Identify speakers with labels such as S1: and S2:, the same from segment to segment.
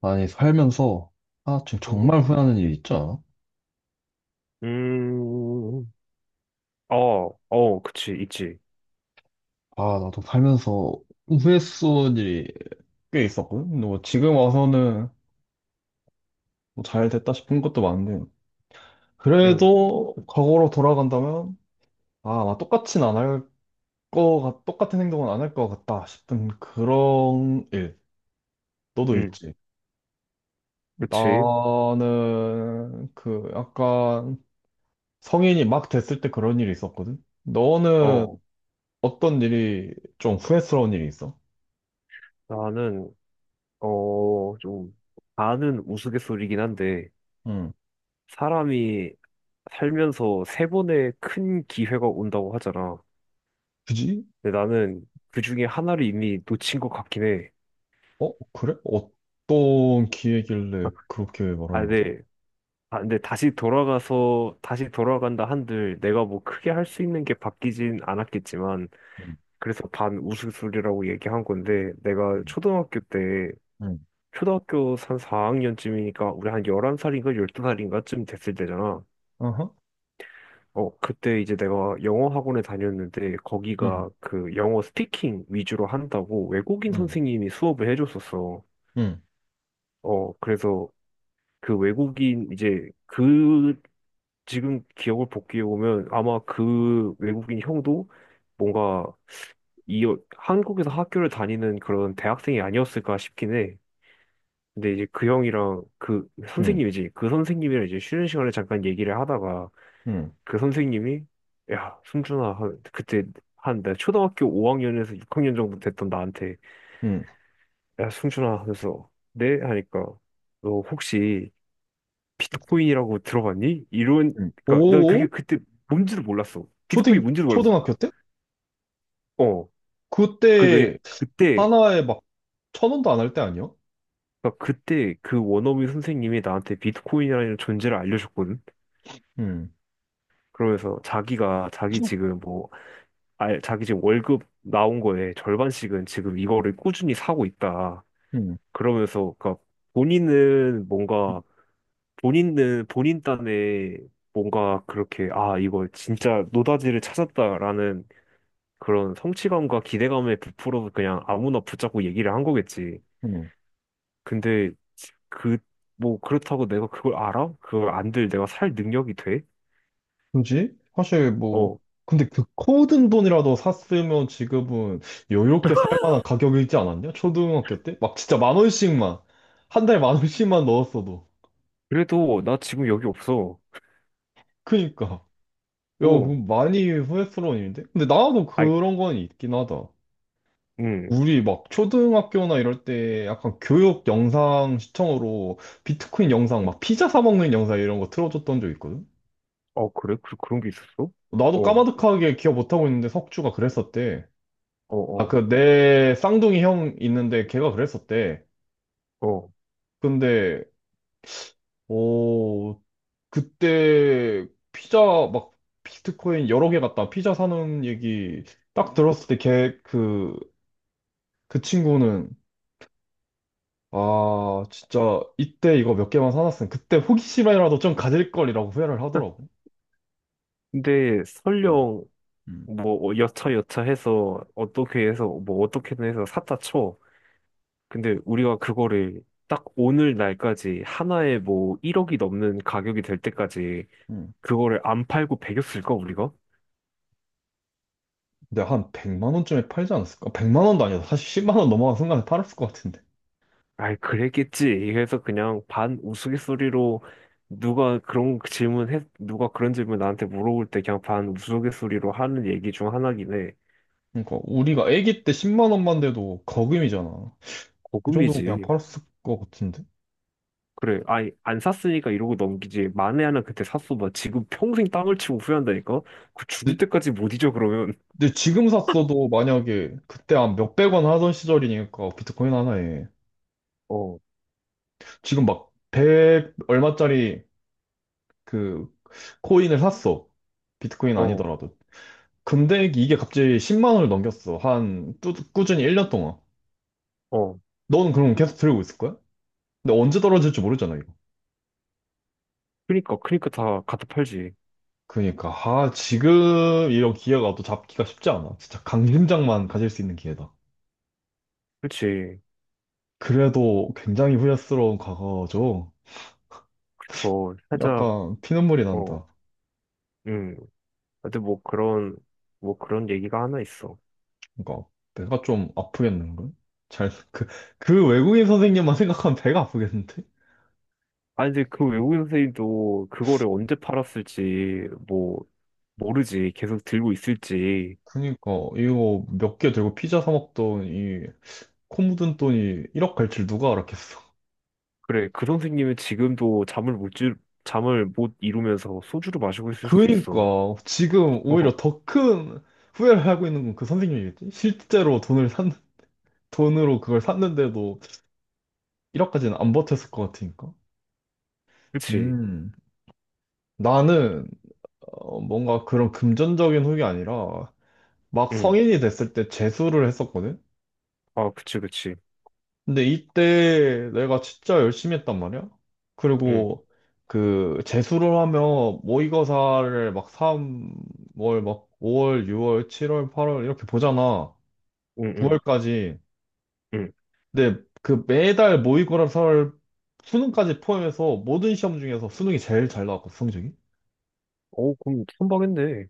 S1: 아니, 살면서, 아, 지금 정말 후회하는 일이 있죠?
S2: 음, 어, 그치, 있지.
S1: 아, 나도 살면서 후회스러운 일이 꽤 있었거든? 근데 뭐 지금 와서는 뭐 잘 됐다 싶은 것도 많은데,
S2: 응,
S1: 그래도 과거로 돌아간다면, 아, 나 똑같진 안 할 똑같은 행동은 안 할 것 같다 싶은 그런 일, 너도
S2: 응,
S1: 있지.
S2: 그치.
S1: 나는 그 약간 성인이 막 됐을 때 그런 일이 있었거든? 너는
S2: 어,
S1: 어떤 일이 좀 후회스러운 일이 있어?
S2: 나는, 좀, 반은 우스갯소리긴 한데,
S1: 응.
S2: 사람이 살면서 세 번의 큰 기회가 온다고 하잖아.
S1: 굳이?
S2: 근데 나는 그 중에 하나를 이미 놓친 것 같긴 해.
S1: 어, 그래? 어떤 기회길래 그렇게
S2: 아,
S1: 말하는 거지?
S2: 근데, 근데 다시 돌아간다 한들, 내가 뭐 크게 할 수 있는 게 바뀌진 않았겠지만,
S1: 음,
S2: 그래서 반 우스갯소리라고 얘기한 건데,
S1: 음, 음.
S2: 초등학교 한 4학년쯤이니까 우리 한 11살인가 12살인가쯤 됐을 때잖아.
S1: 아하,
S2: 그때 이제 내가 영어 학원에 다녔는데
S1: 음,
S2: 거기가 그 영어 스피킹 위주로 한다고 외국인
S1: 음,
S2: 선생님이 수업을 해줬었어.
S1: 음,
S2: 어, 그래서 그 외국인 이제 그 지금 기억을 복귀해 보면 아마 그 외국인 형도 뭔가 이 한국에서 학교를 다니는 그런 대학생이 아니었을까 싶긴 해. 근데 이제 그 형이랑 그
S1: 음,
S2: 선생님이지. 그 선생님이랑 이제 쉬는 시간에 잠깐 얘기를 하다가
S1: 음,
S2: 그 선생님이 그때 한 내가 초등학교 5학년에서 6학년 정도 됐던 나한테
S1: 음.
S2: 야, 승준아 하면서 네? 하니까 너 혹시 비트코인이라고 들어봤니? 이런.
S1: 음.
S2: 그러니까 난 그게
S1: 오,
S2: 그때 뭔지도 몰랐어. 비트코인이
S1: 초등,
S2: 뭔지도 몰랐어.
S1: 초등학교 때?
S2: 어. 그 왜
S1: 그때
S2: 그때
S1: 하나에 막 천 원도 안 할 때 아니야?
S2: 그러니까 그때 그 원어민 선생님이 나한테 비트코인이라는 존재를 알려줬거든.
S1: 음,
S2: 그러면서 자기가 자기 지금 뭐 아, 자기 지금 월급 나온 거에 절반씩은 지금 이거를 꾸준히 사고 있다.
S1: 음,
S2: 그러면서, 그러니까 본인은
S1: 음,
S2: 뭔가, 본인은 본인 딴에 뭔가 그렇게, 아, 이거 진짜 노다지를 찾았다라는 그런 성취감과 기대감에 부풀어서 그냥 아무나 붙잡고 얘기를 한 거겠지.
S1: 음.
S2: 근데 그, 뭐 그렇다고 내가 그걸 알아? 그걸 안들 내가 살 능력이 돼?
S1: 그지? 사실 뭐,
S2: 어,
S1: 근데 그 코든 돈이라도 샀으면 지금은 여유롭게 살 만한 가격이지 않았냐? 초등학교 때? 막 진짜 만 원씩만, 한 달에 만 원씩만 넣었어도.
S2: 그래도 나 지금 여기 없어.
S1: 그니까. 야,
S2: 어,
S1: 그럼 많이 후회스러운 일인데? 근데 나도
S2: 아이,
S1: 그런 건 있긴 하다.
S2: 음,
S1: 우리 막 초등학교나 이럴 때 약간 교육 영상 시청으로 비트코인 영상, 막 피자 사 먹는 영상 이런 거 틀어줬던 적 있거든?
S2: 그래? 그런 게 있었어?
S1: 나도
S2: 어.
S1: 까마득하게 기억 못하고 있는데 석주가 그랬었대.
S2: 어,
S1: 아,
S2: 어,
S1: 그 내 쌍둥이 형 있는데 걔가 그랬었대.
S2: 어.
S1: 근데, 어, 그때 피자 막 비트코인 여러 개 갖다 피자 사는 얘기 딱 들었을 때걔그 그 친구는 아 진짜 이때 이거 몇 개만 사놨으면 그때 호기심이라도 좀 가질 걸이라고 후회를 하더라고.
S2: 근데
S1: 어,
S2: 설령
S1: 음.
S2: 뭐 여차 여차 해서 어떻게 해서 뭐 어떻게든 해서 샀다 쳐. 근데 우리가 그거를 딱 오늘 날까지 하나에 뭐 1억이 넘는 가격이 될 때까지
S1: 음.
S2: 그거를 안 팔고 배겼을까 우리가?
S1: 근데 한 100만 원쯤에 팔지 않았을까? 100만 원도 아니다. 사실 10만 원 넘어간 순간에 팔았을 것 같은데.
S2: 아이, 그랬겠지. 그래서 그냥 반 우스갯소리로 누가 그런 질문 나한테 물어볼 때 그냥 반 우스갯소리로 하는 얘기 중 하나긴 해.
S1: 그러니까 우리가 아기 때 10만 원만 돼도 거금이잖아. 그 정도면 그냥
S2: 고금이지.
S1: 팔았을 것 같은데.
S2: 그래. 아니, 안 샀으니까 이러고 넘기지. 만에 하나 그때 샀어. 봐. 지금 평생 땅을 치고 후회한다니까? 그 죽을
S1: 근데,
S2: 때까지 못 잊어, 그러면.
S1: 근데 지금 샀어도 만약에 그때 한 몇백 원 하던 시절이니까 비트코인 하나에
S2: 어,
S1: 지금 막 100 얼마짜리 그 코인을 샀어. 비트코인
S2: 어,
S1: 아니더라도. 근데 이게 갑자기 10만 원을 넘겼어. 꾸준히 1년 동안.
S2: 어.
S1: 넌 그럼 계속 들고 있을 거야? 근데 언제 떨어질지 모르잖아, 이거.
S2: 그니까, 다 갖다 팔지.
S1: 그러니까, 아, 지금 이런 기회가 또 잡기가 쉽지 않아. 진짜 강심장만 가질 수 있는 기회다.
S2: 그치.
S1: 그래도 굉장히 후회스러운 과거죠.
S2: 살짝,
S1: 약간 피눈물이
S2: 어,
S1: 난다.
S2: 음. 근데 뭐 그런 얘기가 하나 있어.
S1: 그러니까, 배가 좀 아프겠는걸? 잘, 그, 그 외국인 선생님만 생각하면 배가 아프겠는데?
S2: 아니, 근데 그 외국인 선생님도 그거를 언제 팔았을지, 뭐, 모르지. 계속 들고 있을지.
S1: 그러니까, 이거 몇 개 들고 피자 사 먹던 이, 코 묻은 돈이 1억 갈 줄 누가 알았겠어.
S2: 그래, 그 선생님은 지금도 잠을 못 이루면서 소주를 마시고 있을 수
S1: 그러니까
S2: 있어.
S1: 지금 오히려 더 큰 후회를 하고 있는 건 그 선생님이겠지? 실제로 돈을 산 돈으로 그걸 샀는데도 1억까지는 안 버텼을 것 같으니까.
S2: 그치.
S1: 음. 나는 어, 뭔가 그런 금전적인 후기 아니라 막
S2: 응.
S1: 성인이 됐을 때 재수를 했었거든.
S2: 아, 그치, 그치.
S1: 근데 이때 내가 진짜 열심히 했단 말이야.
S2: 응,
S1: 그리고 그 재수를 하면 모의고사를 막 3월, 막 5월, 6월, 7월, 8월 이렇게 보잖아.
S2: 응, 응,
S1: 9월까지.
S2: 응.
S1: 근데 그 매달 모의고사 설 수능까지 포함해서 모든 시험 중에서 수능이 제일 잘 나왔거든, 성적이.
S2: 그럼 선박인데.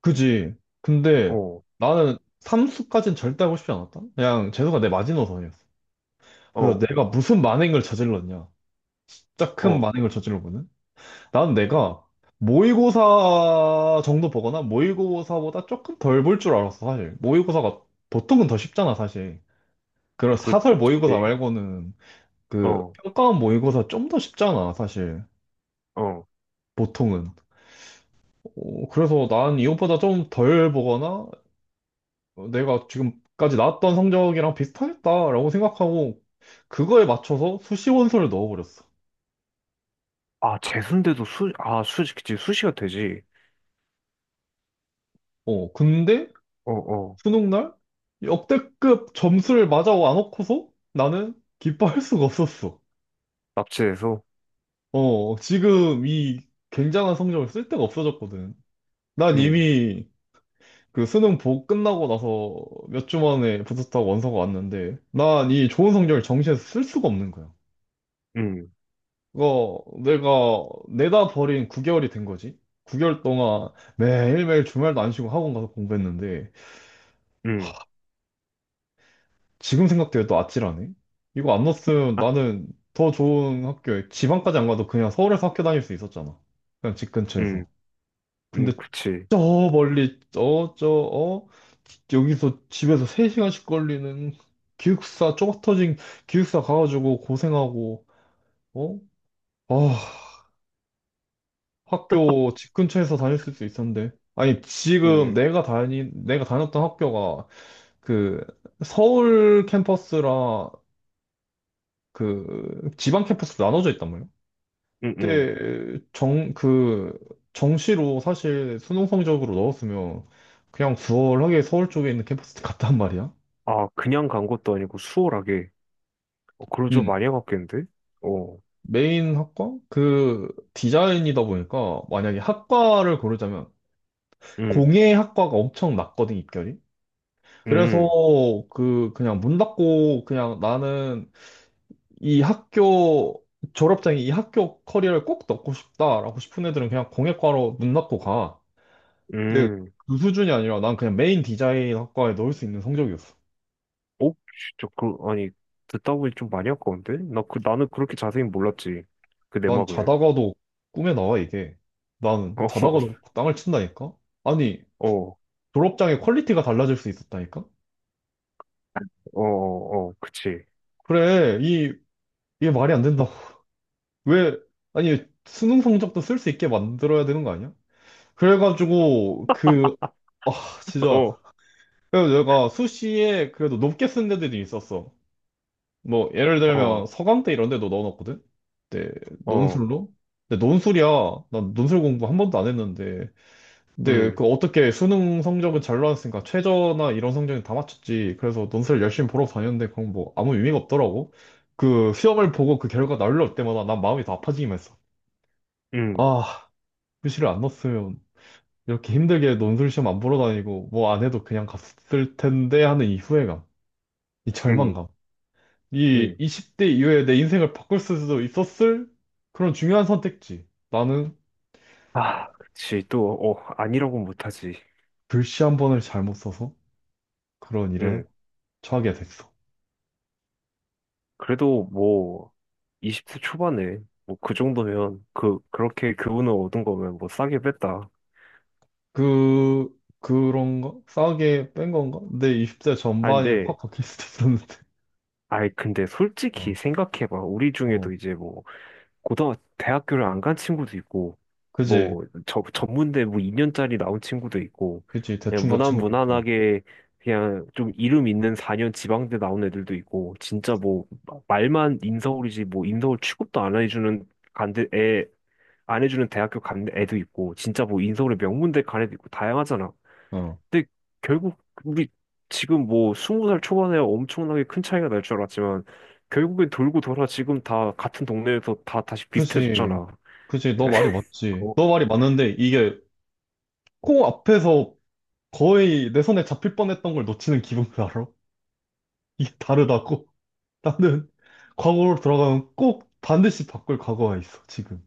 S1: 그지. 근데
S2: 어,
S1: 나는 삼수까지는 절대 하고 싶지 않았다. 그냥 재수가 내 마지노선이었어. 그래서
S2: 어,
S1: 내가 무슨 만행을 저질렀냐. 짝큰
S2: 어.
S1: 만행을 저질러보는. 나는 내가 모의고사 정도 보거나 모의고사보다 조금 덜 볼 줄 알았어, 사실. 모의고사가 보통은 더 쉽잖아, 사실. 그런 사설 모의고사
S2: 그치.
S1: 말고는 그
S2: 어,
S1: 평가원 모의고사 좀 더 쉽잖아, 사실.
S2: 어.
S1: 보통은. 어, 그래서 난 이것보다 좀 덜 보거나 어, 내가 지금까지 나왔던 성적이랑 비슷하겠다라고 생각하고 그거에 맞춰서 수시 원서를 넣어버렸어.
S2: 아, 재수인데도 그치. 수시가 되지.
S1: 어, 근데
S2: 어, 어.
S1: 수능 날 역대급 점수를 맞아 와놓고서 나는 기뻐할 수가 없었어.
S2: 납치해서.
S1: 어, 지금 이 굉장한 성적을 쓸 데가 없어졌거든. 난
S2: 응,
S1: 이미 그 수능 보 끝나고 나서 몇 주 만에 붙었다고 원서가 왔는데 난 이 좋은 성적을 정시에서 쓸 수가 없는 거야.
S2: 응,
S1: 이거 내가 내다 버린 9개월이 된 거지. 9개월 동안 매일매일 주말도 안 쉬고 학원 가서 공부했는데
S2: 응.
S1: 지금 생각해도 또 아찔하네. 이거 안 넣었으면
S2: 아,
S1: 나는 더 좋은 학교에 지방까지 안 가도 그냥 서울에서 학교 다닐 수 있었잖아. 그냥 집
S2: 응,
S1: 근처에서.
S2: 응,
S1: 근데
S2: 그치.
S1: 저 멀리 저 어? 여기서 집에서 3시간씩 걸리는 기숙사 좁아터진 기숙사 가가지고 고생하고 어? 아 학교 집 근처에서 다닐 수 있었는데. 아니, 지금
S2: 응,
S1: 내가 다녔던 학교가 그 서울 캠퍼스랑 그 지방 캠퍼스로 나눠져 있단 말이야.
S2: 응, 응.
S1: 그 정시로 사실 수능 성적으로 넣었으면 그냥 수월하게 서울 쪽에 있는 캠퍼스 갔단 말이야.
S2: 아, 그냥 간 것도 아니고 수월하게. 그러죠.
S1: 음.
S2: 많이 갔겠는데. 어,
S1: 메인 학과? 그 디자인이다 보니까 만약에 학과를 고르자면
S2: 응,
S1: 공예 학과가 엄청 낮거든, 입결이. 그래서
S2: 응,
S1: 그 그냥 문 닫고 그냥 나는 이 학교 졸업장에 이 학교 커리어를 꼭 넣고 싶다라고 싶은 애들은 그냥 공예과로 문 닫고 가. 근데
S2: 응.
S1: 그 수준이 아니라 난 그냥 메인 디자인 학과에 넣을 수 있는 성적이었어.
S2: 어? 진짜 아니, 듣다 보니 좀 많이 아까운데? 나 그 나는 그렇게 자세히 몰랐지. 그
S1: 난
S2: 내막을.
S1: 자다가도 꿈에 나와 이게. 난 자다가도 땅을 친다니까? 아니
S2: 어, 어,
S1: 졸업장의 퀄리티가 달라질 수 있었다니까?
S2: 어, 어, 그치,
S1: 그래 이 이게 말이 안 된다고. 왜 아니 수능 성적도 쓸 수 있게 만들어야 되는 거 아니야? 그래가지고 그 아, 진짜. 그래서 내가 수시에 그래도 높게 쓴 데들이 있었어. 뭐, 예를 들면 서강대 이런 데도 넣어놨거든? 네, 논술로? 근데 논술이야. 난 논술 공부 한 번도 안 했는데.
S2: 어.
S1: 근데
S2: 어어음음음음아
S1: 그 어떻게 수능 성적은 잘 나왔으니까 최저나 이런 성적은 다 맞췄지. 그래서 논술 열심히 보러 다녔는데 그건 뭐 아무 의미가 없더라고. 그 시험을 보고 그 결과 날려올 때마다 난 마음이 더 아파지기만 했어. 아, 수시를 안 넣었으면 이렇게 힘들게 논술 시험 안 보러 다니고 뭐 안 해도 그냥 갔을 텐데 하는 이 후회감. 이 절망감. 이 20대 이후에 내 인생을 바꿀 수도 있었을 그런 중요한 선택지. 나는
S2: 그치. 또 아니라고 못하지.
S1: 글씨 한 번을 잘못 써서 그런 일에
S2: 음
S1: 처하게 됐어.
S2: 그래도 뭐 20대 초반에 뭐 그 정도면 그 그렇게 교훈을 얻은 거면 뭐 싸게 뺐다.
S1: 그, 그런 가 싸게 뺀 건가? 내 20대
S2: 아
S1: 전반이
S2: 근데
S1: 확 바뀔 수도 있었는데.
S2: 아이, 근데 솔직히
S1: 어,
S2: 생각해봐. 우리
S1: 어.
S2: 중에도 이제 뭐 고등학 대학교를 안 간 친구도 있고
S1: 그지?
S2: 뭐 전문대 뭐 2년짜리 나온 친구도 있고,
S1: 그지?
S2: 그냥
S1: 대충 간
S2: 무난
S1: 친구도 있지.
S2: 무난하게 그냥 좀 이름 있는 4년 지방대 나온 애들도 있고, 진짜 뭐 말만 인서울이지 뭐 인서울 취급도 안 해주는, 간대 애 안 해주는 대학교 간 애도 있고, 진짜 뭐 인서울의 명문대 간 애도 있고 다양하잖아.
S1: 어.
S2: 근데 결국 우리 지금 뭐 스무 살 초반에 엄청나게 큰 차이가 날 줄 알았지만 결국엔 돌고 돌아 지금 다 같은 동네에서 다 다시
S1: 그지?
S2: 비슷해졌잖아.
S1: 그지? 너 말이 맞지.
S2: 어,
S1: 너 말이 맞는데 이게 코 앞에서 거의 내 손에 잡힐 뻔했던 걸 놓치는 기분 알아? 이게 다르다고? 나는 과거로 돌아가면 꼭 반드시 바꿀 과거가 있어, 지금.